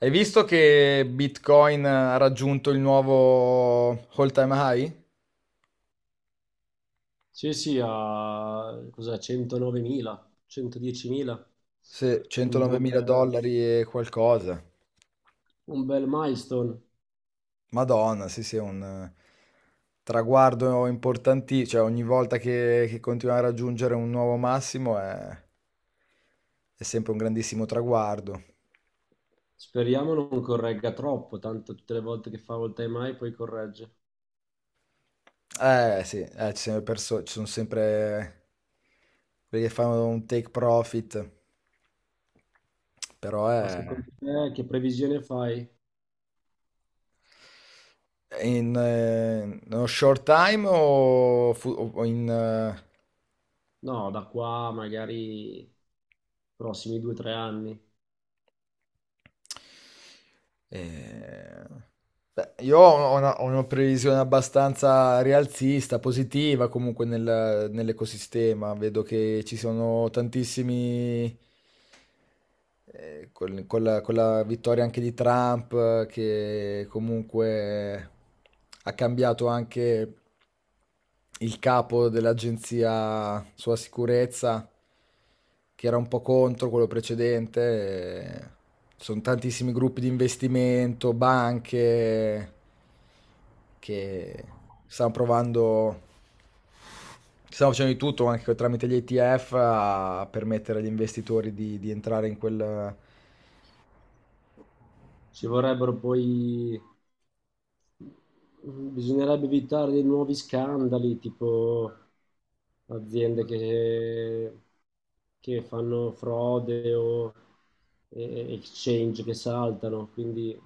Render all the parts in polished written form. Hai visto che Bitcoin ha raggiunto il nuovo all-time high? Sì, sì, a cos'è, 109.000, 110.000, Se un 109 mila bel, dollari e qualcosa. un bel milestone. Madonna, sì, sì, è un traguardo importantissimo. Cioè, ogni volta che continuiamo a raggiungere un nuovo massimo è sempre un grandissimo traguardo. Speriamo non corregga troppo, tanto tutte le volte che fa all time high poi corregge. Sì, ci sono sempre quelli che fanno un take profit, però Ma è... secondo te che previsione fai? In, nello short time o No, da qua magari prossimi due o tre anni. eh, beh, io ho ho una previsione abbastanza rialzista, positiva comunque nell'ecosistema. Vedo che ci sono tantissimi con la vittoria anche di Trump, che comunque ha cambiato anche il capo dell'agenzia sulla sicurezza, che era un po' contro quello precedente. eh, Sono tantissimi gruppi di investimento, banche che stanno provando. Stiamo facendo di tutto anche tramite gli ETF a permettere agli investitori di entrare in quel, Ci vorrebbero poi... Bisognerebbe evitare dei nuovi scandali, tipo aziende che fanno frode o exchange che saltano, quindi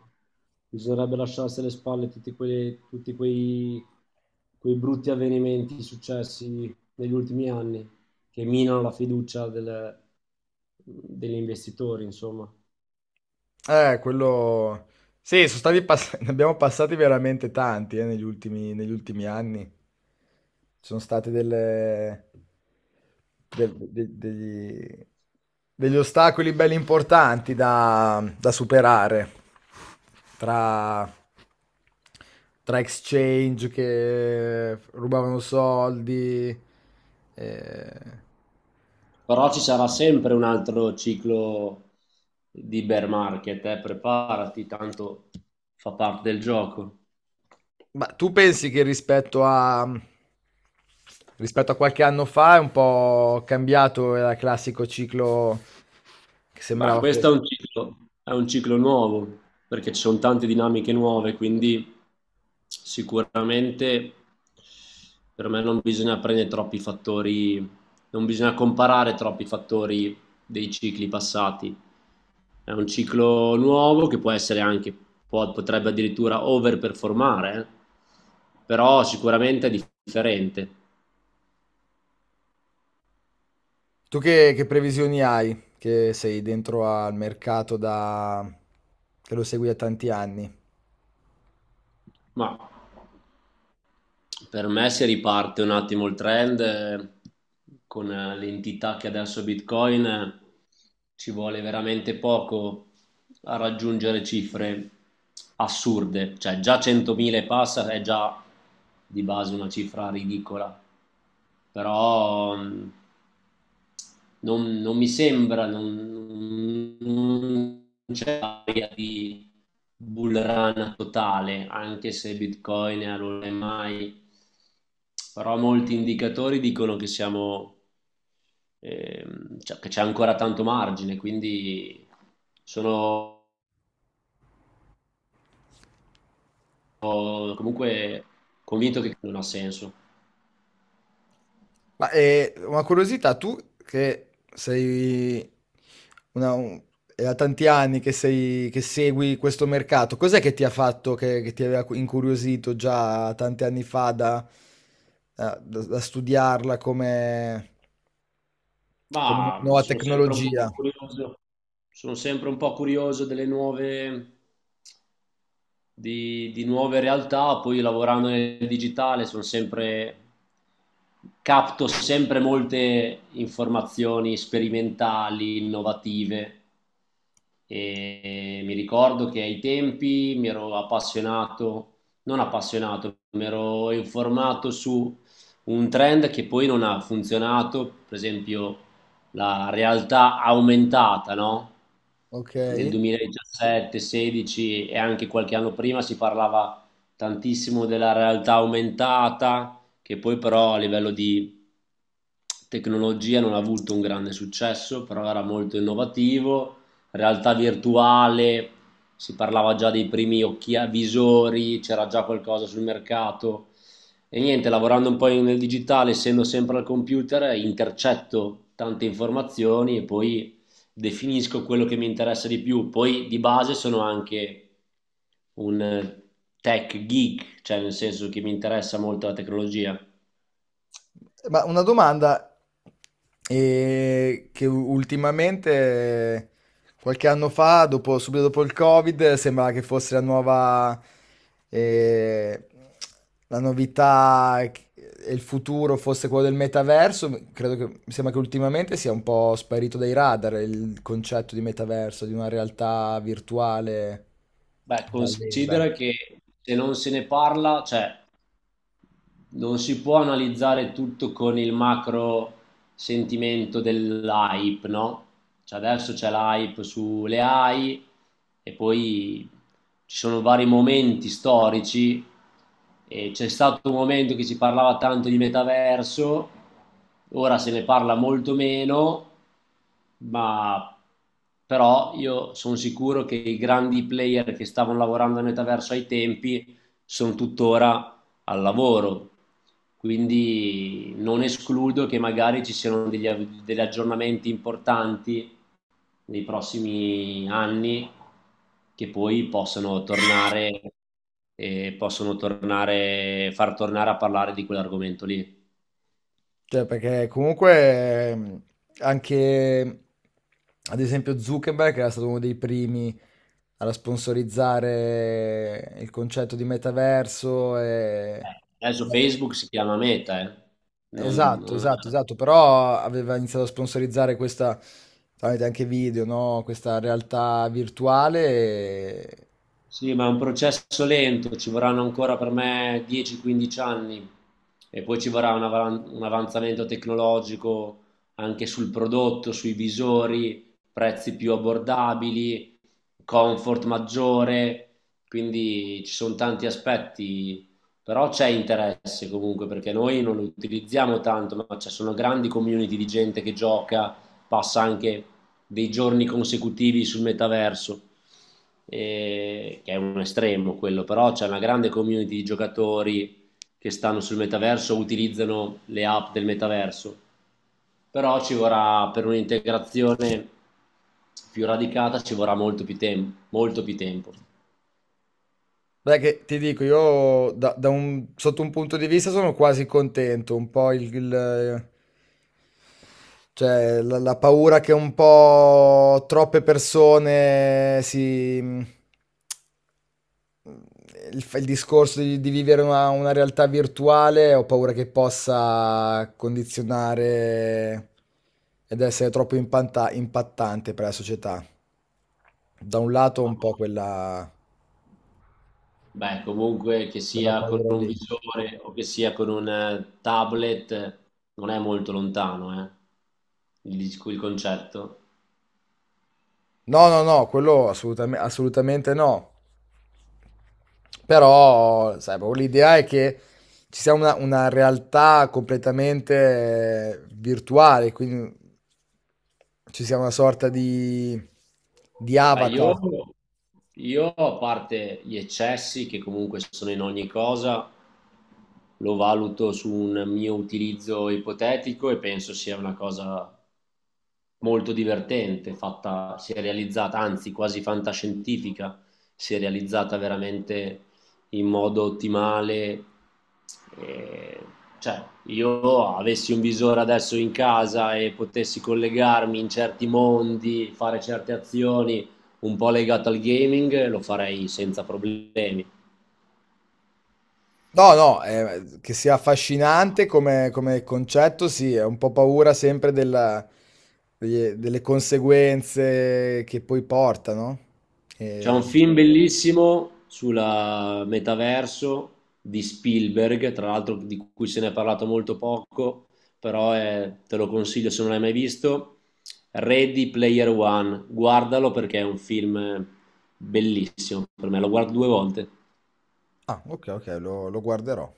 bisognerebbe lasciarsi alle spalle tutti quei brutti avvenimenti successi negli ultimi anni che minano la fiducia degli investitori, insomma. eh, quello... Sì, ne abbiamo passati veramente tanti, negli ultimi anni. Ci sono state delle... del- de- degli... degli ostacoli belli importanti da superare tra... tra exchange che rubavano soldi, eh. Però ci sarà sempre un altro ciclo di bear market, preparati, tanto fa parte del gioco. Ma tu pensi che rispetto a qualche anno fa è un po' cambiato, era il classico ciclo che Beh, sembrava questo è fosse. un ciclo, è un ciclo nuovo, perché ci sono tante dinamiche nuove, quindi sicuramente per me non bisogna prendere troppi fattori, non bisogna comparare troppi fattori dei cicli passati. È un ciclo nuovo che può essere anche, potrebbe addirittura overperformare, però sicuramente è differente. Tu che previsioni hai? Che sei dentro al mercato da... che lo segui da tanti anni. Ma per me si riparte un attimo il trend con l'entità che adesso Bitcoin, ci vuole veramente poco a raggiungere cifre assurde, cioè già 100.000 e passa è già di base una cifra ridicola, però non mi sembra, non c'è aria di bull run totale, anche se Bitcoin è allora mai, però molti indicatori dicono che siamo, cioè, che c'è ancora tanto margine, quindi sono comunque convinto che non ha senso. Ma una curiosità, tu che sei una- un- è da tanti anni che, sei, che segui questo mercato, cos'è che ti ha fatto, che ti aveva incuriosito già tanti anni fa da, da studiarla come, come Ma nuova sono sempre un po' tecnologia? curioso, sono sempre un po' curioso delle nuove, di nuove realtà, poi lavorando nel digitale sono sempre, capto sempre molte informazioni sperimentali, innovative. E mi ricordo che ai tempi mi ero appassionato, non appassionato, mi ero informato su un trend che poi non ha funzionato, per esempio la realtà aumentata, no? Ok. Nel 2017, 16 e anche qualche anno prima si parlava tantissimo della realtà aumentata, che poi però a livello di tecnologia non ha avuto un grande successo, però era molto innovativo. Realtà virtuale, si parlava già dei primi visori, c'era già qualcosa sul mercato. E niente, lavorando un po' nel digitale, essendo sempre al computer, intercetto tante informazioni e poi definisco quello che mi interessa di più. Poi di base sono anche un tech geek, cioè nel senso che mi interessa molto la tecnologia. Ma una domanda che ultimamente, qualche anno fa, subito dopo il Covid, sembrava che fosse la nuova, eh, la novità e il futuro fosse quello del metaverso. Credo che, mi sembra che ultimamente sia un po' sparito dai radar il concetto di metaverso, di una realtà virtuale Beh, parallela. considera che se non se ne parla, cioè non si può analizzare tutto con il macro sentimento dell'hype, no? Cioè adesso c'è l'hype sulle AI e poi ci sono vari momenti storici e c'è stato un momento che si parlava tanto di metaverso, ora se ne parla molto meno, ma però io sono sicuro che i grandi player che stavano lavorando al metaverso ai tempi sono tuttora al lavoro. Quindi non escludo che magari ci siano degli aggiornamenti importanti nei prossimi anni che poi possono tornare e possono tornare, far tornare a parlare di quell'argomento lì. Cioè, perché comunque anche, ad esempio, Zuckerberg era stato uno dei primi a sponsorizzare il concetto di metaverso e... Adesso Beh, Facebook si chiama Meta, eh. Non, esatto, non- esatto, è esatto, però aveva iniziato a sponsorizzare questa, tramite anche video, no? Questa realtà virtuale. Sì, ma è un processo lento, ci vorranno ancora per me 10-15 anni e poi ci vorrà un avanzamento tecnologico anche sul prodotto, sui visori, prezzi più abbordabili, comfort maggiore, quindi ci sono tanti aspetti, però c'è interesse comunque perché noi non lo utilizziamo tanto, ma ci sono grandi community di gente che gioca, passa anche dei giorni consecutivi sul metaverso, che è un estremo quello, però c'è una grande community di giocatori che stanno sul metaverso, utilizzano le app del metaverso, però ci vorrà per un'integrazione più radicata ci vorrà molto più, molto più tempo. Beh, che ti dico, io da un, sotto un punto di vista sono quasi contento, un po' cioè, la paura che un po' troppe persone si... mm, il discorso di vivere una realtà virtuale, ho paura che possa condizionare ed essere troppo impattante per la società. Da un lato Ma, un po' quella, Beh, comunque che quella sia con paura un lì. visore o che sia con un tablet, non è molto lontano, il concetto. No, no, no, quello assolutamente no. Però, sai, proprio l'idea è che ci sia una realtà completamente virtuale, quindi ci sia una sorta di Beh, io, avatar. io, a parte gli eccessi che comunque sono in ogni cosa, lo valuto su un mio utilizzo ipotetico e penso sia una cosa molto divertente, fatta, si è realizzata, anzi quasi fantascientifica, si è realizzata veramente in modo ottimale. E, cioè, io avessi un visore adesso in casa e potessi collegarmi in certi mondi, fare certe azioni un po' legate al gaming, lo farei senza problemi. No, no, che sia affascinante come, come concetto, sì, è un po' paura sempre delle conseguenze che poi portano. C'è un E- film bellissimo sulla metaverso di Spielberg, tra l'altro di cui se ne è parlato molto poco, però è- te lo consiglio se non l'hai mai visto. Ready Player One, guardalo perché è un film bellissimo per me, lo guardo due volte. Ah, ok, ok, lo guarderò.